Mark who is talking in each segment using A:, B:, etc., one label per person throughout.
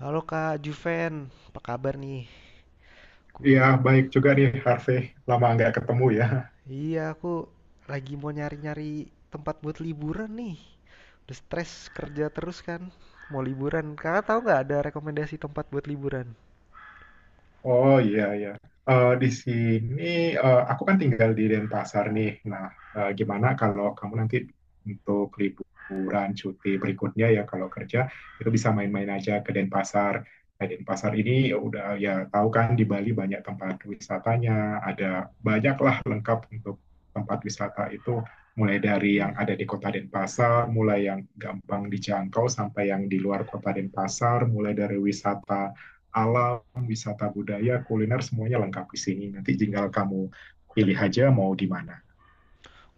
A: Halo Kak Juven, apa kabar nih? Ku,
B: Iya, baik juga nih Harvey. Lama nggak ketemu ya.
A: iya aku lagi mau nyari-nyari tempat buat liburan nih. Udah stres kerja terus kan, mau liburan. Kakak tahu nggak ada rekomendasi tempat buat liburan?
B: Oh iya iya. Di sini, aku kan tinggal di Denpasar nih. Nah, gimana kalau kamu nanti untuk liburan cuti berikutnya, ya kalau kerja itu bisa main-main aja ke Denpasar. Nah, Denpasar ini ya udah ya, tahu kan di Bali banyak tempat wisatanya, ada banyaklah lengkap untuk tempat wisata itu, mulai dari yang
A: Hmm.
B: ada di kota Denpasar, mulai yang gampang dijangkau sampai yang di luar kota Denpasar, mulai dari wisata alam, wisata budaya, kuliner, semuanya lengkap di sini. Nanti tinggal kamu pilih aja mau di mana.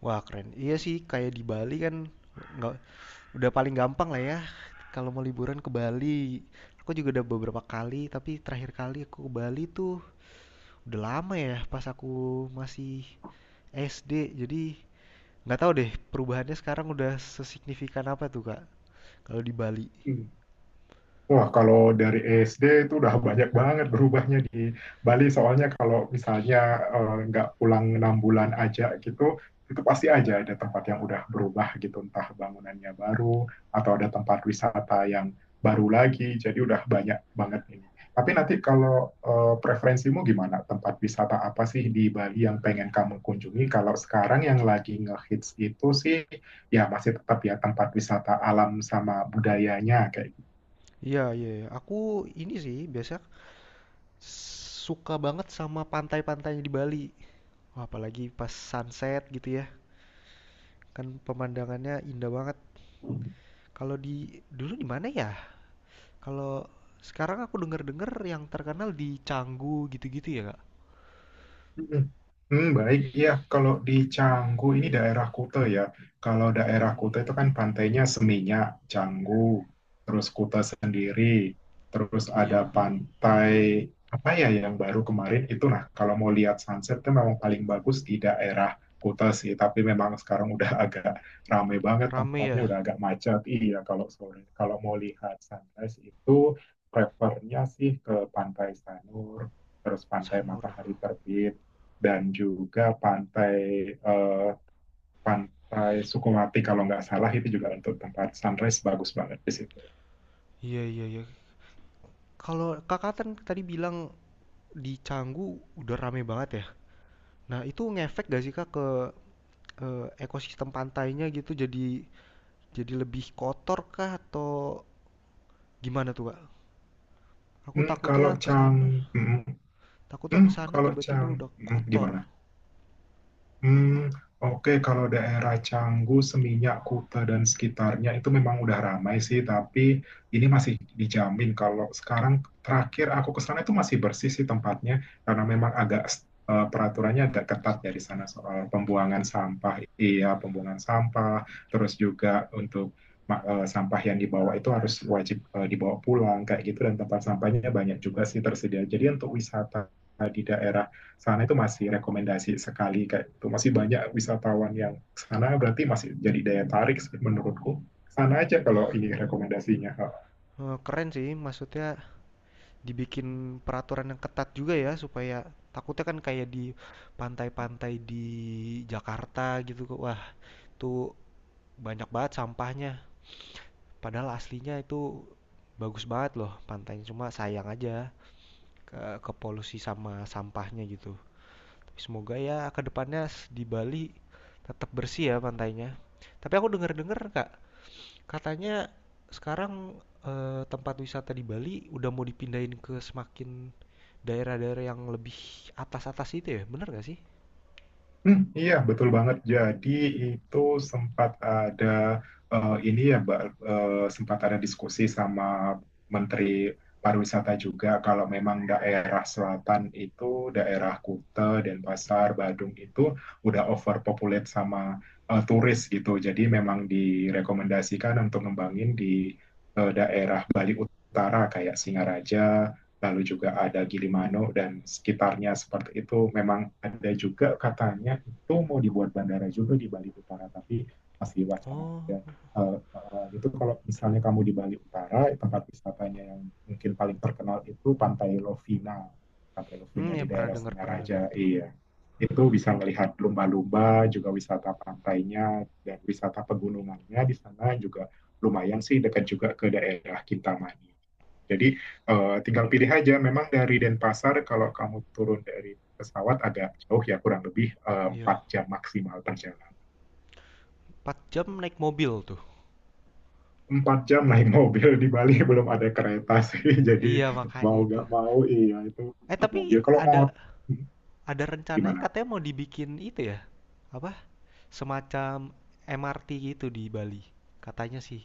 A: Wah keren. Iya sih, kayak di Bali kan nggak udah paling gampang lah ya. Kalau mau liburan ke Bali, aku juga udah beberapa kali. Tapi terakhir kali aku ke Bali tuh udah lama ya, pas aku masih SD. Jadi nggak tahu deh, perubahannya sekarang udah sesignifikan apa tuh, Kak? Kalau di Bali.
B: Hmm. Wah, kalau dari SD itu udah banyak banget berubahnya di Bali. Soalnya kalau misalnya nggak pulang 6 bulan aja gitu, itu pasti aja ada tempat yang udah berubah gitu, entah bangunannya baru atau ada tempat wisata yang baru lagi. Jadi udah banyak banget ini. Tapi nanti kalau preferensimu gimana? Tempat wisata apa sih di Bali yang pengen kamu kunjungi? Kalau sekarang yang lagi ngehits itu sih ya masih tetap ya tempat wisata alam sama budayanya kayak
A: Iya, iya, iya. Aku ini sih biasa suka banget sama pantai-pantainya di Bali. Wah, apalagi pas sunset gitu ya. Kan pemandangannya indah banget. Kalau di dulu di mana ya? Kalau sekarang aku denger-denger yang terkenal di Canggu gitu-gitu ya, Kak?
B: Hmm, hmm, baik, ya. Kalau di Canggu ini daerah Kuta ya. Kalau daerah Kuta
A: Mm,
B: itu kan pantainya Seminyak, Canggu, terus Kuta sendiri, terus ada
A: iya,
B: pantai apa ya yang baru kemarin itu. Nah, kalau mau lihat sunset itu memang paling bagus di daerah Kuta sih. Tapi memang sekarang udah agak rame banget
A: rame
B: tempatnya,
A: ya.
B: udah agak macet. Iya, kalau sore, kalau mau lihat sunrise itu prefernya sih ke Pantai Sanur, terus pantai
A: Sanur.
B: matahari terbit dan juga eh, pantai Sukumati kalau nggak salah, itu juga untuk tempat sunrise bagus banget di situ.
A: Iya, iya, iya. Kalau Kakak kan tadi bilang di Canggu udah rame banget ya? Nah, itu ngefek gak sih Kak ke ekosistem pantainya gitu jadi lebih kotor kah atau gimana tuh Kak? Aku
B: Hmm, kalau Chang, hmm, hmm,
A: takutnya
B: hmm,
A: ke sana
B: kalau
A: tiba-tiba
B: Chang,
A: udah
B: gimana?
A: kotor
B: Hmm, oke, kalau daerah Canggu, Seminyak, Kuta, dan sekitarnya itu memang udah ramai sih, tapi ini masih dijamin. Kalau sekarang, terakhir aku ke sana itu masih bersih sih tempatnya, karena memang agak peraturannya agak ketat ya di
A: listrik
B: sana
A: ya.
B: soal
A: Oke,
B: pembuangan
A: oke.
B: sampah, iya pembuangan sampah, terus juga untuk sampah yang dibawa itu harus wajib dibawa pulang kayak gitu, dan tempat sampahnya banyak juga sih tersedia. Jadi untuk wisata di daerah sana itu masih rekomendasi sekali, kayak itu masih banyak wisatawan yang sana, berarti masih jadi daya tarik. Menurutku sana aja kalau
A: Wah,
B: ini rekomendasinya.
A: keren sih maksudnya dibikin peraturan yang ketat juga ya supaya takutnya kan kayak di pantai-pantai di Jakarta gitu Kak. Wah, itu banyak banget sampahnya. Padahal aslinya itu bagus banget loh pantainya cuma sayang aja. Ke polusi sama sampahnya gitu. Semoga ya kedepannya di Bali tetap bersih ya pantainya. Tapi aku dengar-dengar kak, katanya sekarang tempat wisata di Bali udah mau dipindahin ke semakin daerah-daerah yang lebih atas-atas itu ya, bener gak sih?
B: Hmm, iya, betul banget. Jadi itu sempat ada ini ya, Mbak, eh, sempat ada diskusi sama Menteri Pariwisata juga kalau memang daerah selatan itu, daerah Kuta, Denpasar, Badung itu udah overpopulate sama turis gitu. Jadi memang direkomendasikan untuk ngembangin di daerah Bali Utara kayak Singaraja, lalu juga ada Gilimanuk dan sekitarnya, seperti itu. Memang ada juga katanya itu mau dibuat bandara juga di Bali Utara, tapi masih wacana
A: Oh,
B: ada. Itu kalau misalnya kamu di Bali Utara, tempat wisatanya yang mungkin paling terkenal itu Pantai Lovina. Pantai
A: hmm,
B: Lovina
A: ya
B: di daerah
A: pernah dengar
B: Singaraja,
A: tuh.
B: iya. Itu bisa melihat lumba-lumba, juga wisata pantainya, dan wisata pegunungannya di sana juga lumayan sih, dekat juga ke daerah Kintamani. Jadi tinggal pilih aja, memang dari Denpasar kalau kamu turun dari pesawat agak jauh ya, kurang lebih
A: Iya,
B: 4 jam maksimal perjalanan.
A: empat jam naik mobil tuh.
B: 4 jam naik mobil, di Bali belum ada kereta sih, jadi
A: Iya makanya
B: mau
A: itu.
B: nggak mau iya itu
A: Eh tapi
B: mobil. Kalau mau hmm,
A: ada rencananya
B: gimana?
A: katanya mau dibikin itu ya, apa semacam MRT gitu di Bali. Katanya sih.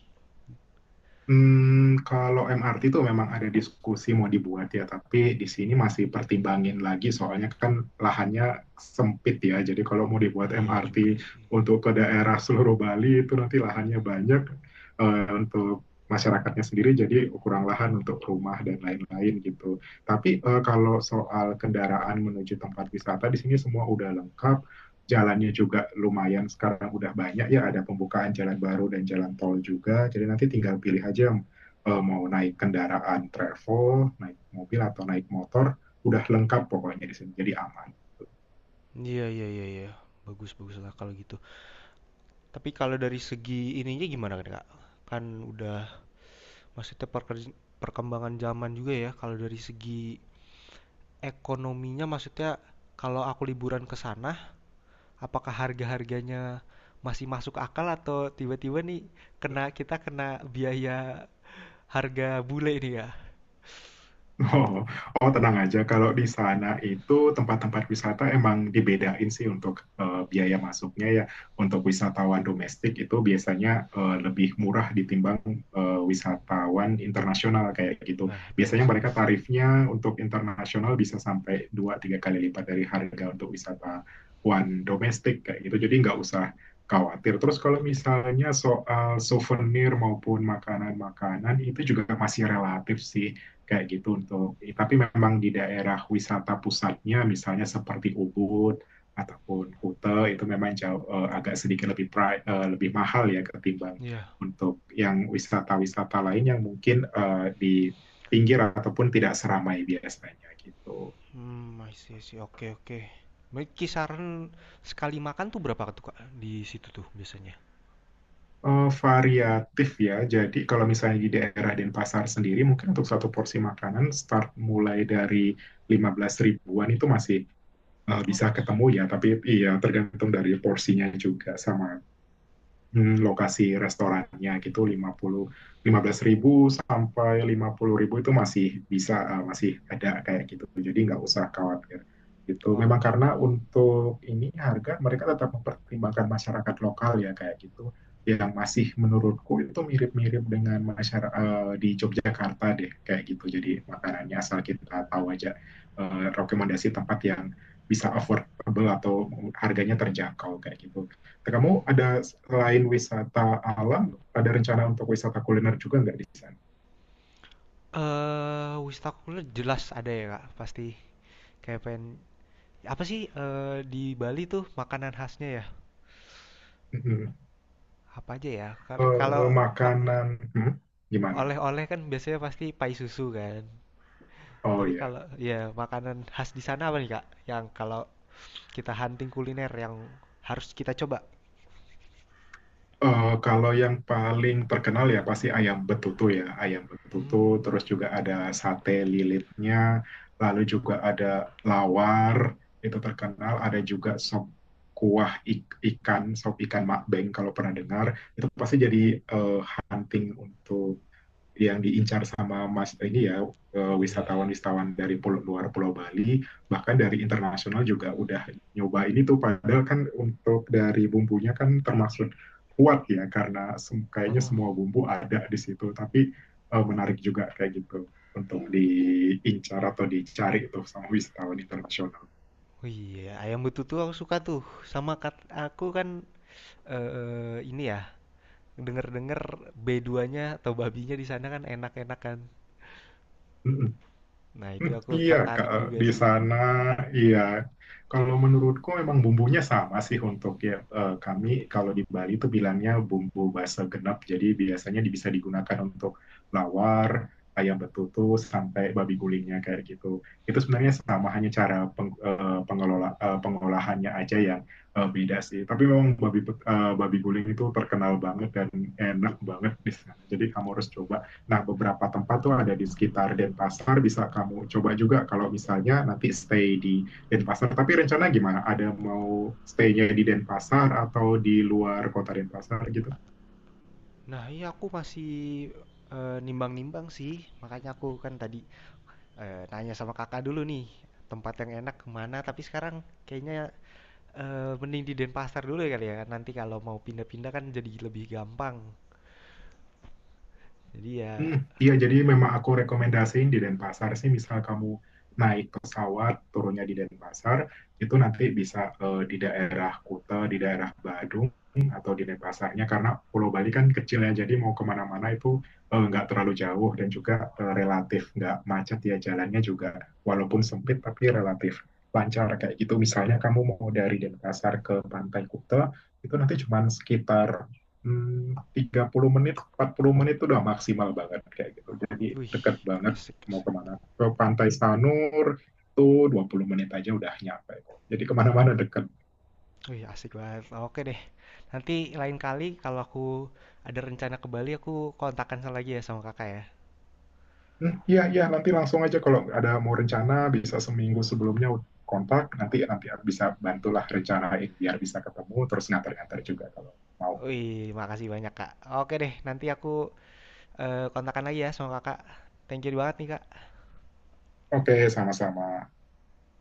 B: Kalau MRT itu memang ada diskusi mau dibuat ya, tapi di sini masih pertimbangin lagi soalnya kan lahannya sempit ya. Jadi kalau mau dibuat
A: Iya
B: MRT
A: juga sih.
B: untuk ke daerah seluruh Bali itu nanti lahannya banyak untuk masyarakatnya sendiri, jadi kurang lahan untuk rumah dan lain-lain gitu. Tapi kalau soal kendaraan menuju tempat wisata di sini semua udah lengkap, jalannya juga lumayan, sekarang udah banyak ya ada pembukaan jalan baru dan jalan tol juga. Jadi nanti tinggal pilih aja yang mau naik kendaraan travel, naik mobil atau naik motor, udah lengkap pokoknya di sini. Jadi aman.
A: Iya iya iya iya. Bagus bagus lah kalau gitu. Tapi kalau dari segi ininya gimana kan Kak? Kan udah maksudnya perkembangan zaman juga ya kalau dari segi ekonominya maksudnya kalau aku liburan ke sana apakah harga-harganya masih masuk akal atau tiba-tiba nih kena kita kena biaya harga bule nih ya?
B: Oh, oh, tenang aja. Kalau di sana itu tempat-tempat wisata emang dibedain sih untuk biaya masuknya ya. Untuk wisatawan domestik itu biasanya lebih murah ditimbang wisatawan internasional kayak gitu.
A: Wah,
B: Biasanya
A: bagus
B: mereka
A: bagus.
B: tarifnya untuk internasional bisa sampai dua tiga kali lipat dari harga untuk wisatawan domestik kayak gitu. Jadi nggak usah khawatir. Terus kalau
A: Khawatir.
B: misalnya soal souvenir maupun makanan-makanan itu juga masih relatif sih kayak gitu untuk, tapi memang di daerah wisata pusatnya misalnya seperti Ubud ataupun Kuta itu memang jauh, agak sedikit lebih lebih mahal ya ketimbang
A: Iya.
B: untuk yang wisata-wisata lain yang mungkin di pinggir ataupun tidak seramai biasanya gitu.
A: Mmm, I see, oke oke. Baik kisaran sekali makan tuh berapa tuh, Kak, di situ tuh biasanya?
B: Variatif ya. Jadi kalau misalnya di daerah Denpasar sendiri mungkin untuk satu porsi makanan, start mulai dari 15 ribuan itu masih
A: Oh,
B: bisa ketemu ya, tapi iya tergantung dari porsinya juga sama lokasi restorannya gitu. Lima lima puluh 15 ribu sampai 50 ribu itu masih bisa, masih ada kayak gitu. Jadi nggak usah khawatir. Itu
A: wow,
B: memang karena untuk ini harga, mereka tetap mempertimbangkan masyarakat lokal ya kayak gitu, yang masih menurutku itu mirip-mirip dengan masyarakat di Yogyakarta deh kayak gitu. Jadi makanannya asal kita tahu aja rekomendasi tempat yang bisa affordable atau harganya terjangkau kayak gitu.
A: mhm
B: Kamu
A: mhm.
B: ada, selain wisata alam, ada rencana untuk wisata kuliner juga nggak di sana?
A: Wistakula jelas ada ya, Kak, pasti. Kayak pengen apa sih, di Bali tuh makanan khasnya ya?
B: Mhm.
A: Apa aja ya? Kalau o
B: Makanan, hmm, gimana?
A: oleh-oleh kan biasanya pasti pai susu kan.
B: Oh
A: Tapi
B: ya.
A: kalau ya makanan khas di sana apa nih, Kak, yang kalau kita hunting kuliner yang harus kita coba?
B: Kalau yang paling terkenal ya pasti ayam betutu ya, ayam betutu.
A: Hmm
B: Terus juga ada sate lilitnya, lalu juga ada lawar, itu terkenal. Ada juga sop kuah ikan, sop ikan makbeng kalau pernah dengar. Itu pasti jadi eh, hunting untuk yang diincar sama Mas ini ya.
A: iya iya.
B: Wisatawan-wisatawan dari pulau, luar Pulau Bali, bahkan dari internasional juga udah nyoba ini tuh, padahal kan untuk dari bumbunya kan termasuk kuat ya, karena kayaknya semua bumbu ada di situ, tapi menarik juga kayak gitu untuk diincar atau dicari tuh sama wisatawan internasional.
A: Oh iya, ayam betutu aku suka tuh. Sama kat aku kan ini ya, denger-denger B2-nya atau babinya di sana kan enak-enak kan.
B: Mm-mm.
A: Nah, itu
B: Hmm,
A: aku
B: iya, Kak,
A: tertarik juga
B: di
A: sih.
B: sana iya. Kalau menurutku memang bumbunya sama sih untuk ya, kami kalau di Bali itu bilangnya bumbu basa genep. Jadi biasanya bisa digunakan untuk lawar, ayam betutu sampai babi gulingnya kayak gitu. Itu sebenarnya sama,
A: Mm.
B: hanya cara pengolahannya aja yang beda sih. Tapi memang babi guling itu terkenal banget dan enak banget di sana. Jadi kamu harus coba. Nah, beberapa tempat tuh ada di sekitar Denpasar, bisa kamu coba juga kalau misalnya nanti stay di Denpasar. Tapi rencana gimana? Ada mau stay-nya di Denpasar atau di luar kota Denpasar gitu?
A: Nah, iya aku masih nimbang-nimbang sih. Makanya aku kan tadi nanya sama kakak dulu nih, tempat yang enak kemana. Tapi sekarang kayaknya mending di Denpasar dulu ya kali ya. Nanti kalau mau pindah-pindah kan jadi lebih gampang. Jadi ya,
B: Hmm, iya, jadi
A: ren-
B: memang aku rekomendasiin di Denpasar sih. Misal kamu naik pesawat, turunnya di Denpasar, itu nanti bisa di daerah Kuta, di daerah Badung, atau di Denpasarnya, karena Pulau Bali kan kecil ya, jadi mau kemana-mana itu nggak terlalu jauh, dan juga relatif nggak macet ya jalannya juga, walaupun sempit tapi relatif lancar kayak gitu. Misalnya kamu mau dari Denpasar ke Pantai Kuta, itu nanti cuma sekitar 30 menit, 40 menit, itu udah maksimal banget kayak gitu. Jadi
A: wih,
B: deket banget
A: asik
B: mau
A: asik.
B: kemana. Ke Pantai Sanur itu 20 menit aja udah nyampe kok. Jadi kemana-mana deket.
A: Wih, asik banget. Oke deh. Nanti lain kali kalau aku ada rencana ke Bali, aku kontakkan lagi ya sama kakak ya.
B: Hmm, iya, iya, nanti langsung aja kalau ada mau rencana, bisa seminggu sebelumnya kontak, nanti nanti bisa bantulah rencanain biar bisa ketemu, terus nganter-nganter juga kalau mau.
A: Wih, makasih banyak kak. Oke deh, nanti aku kontakkan lagi ya sama kakak. Thank you banget nih kak.
B: Oke, sama-sama.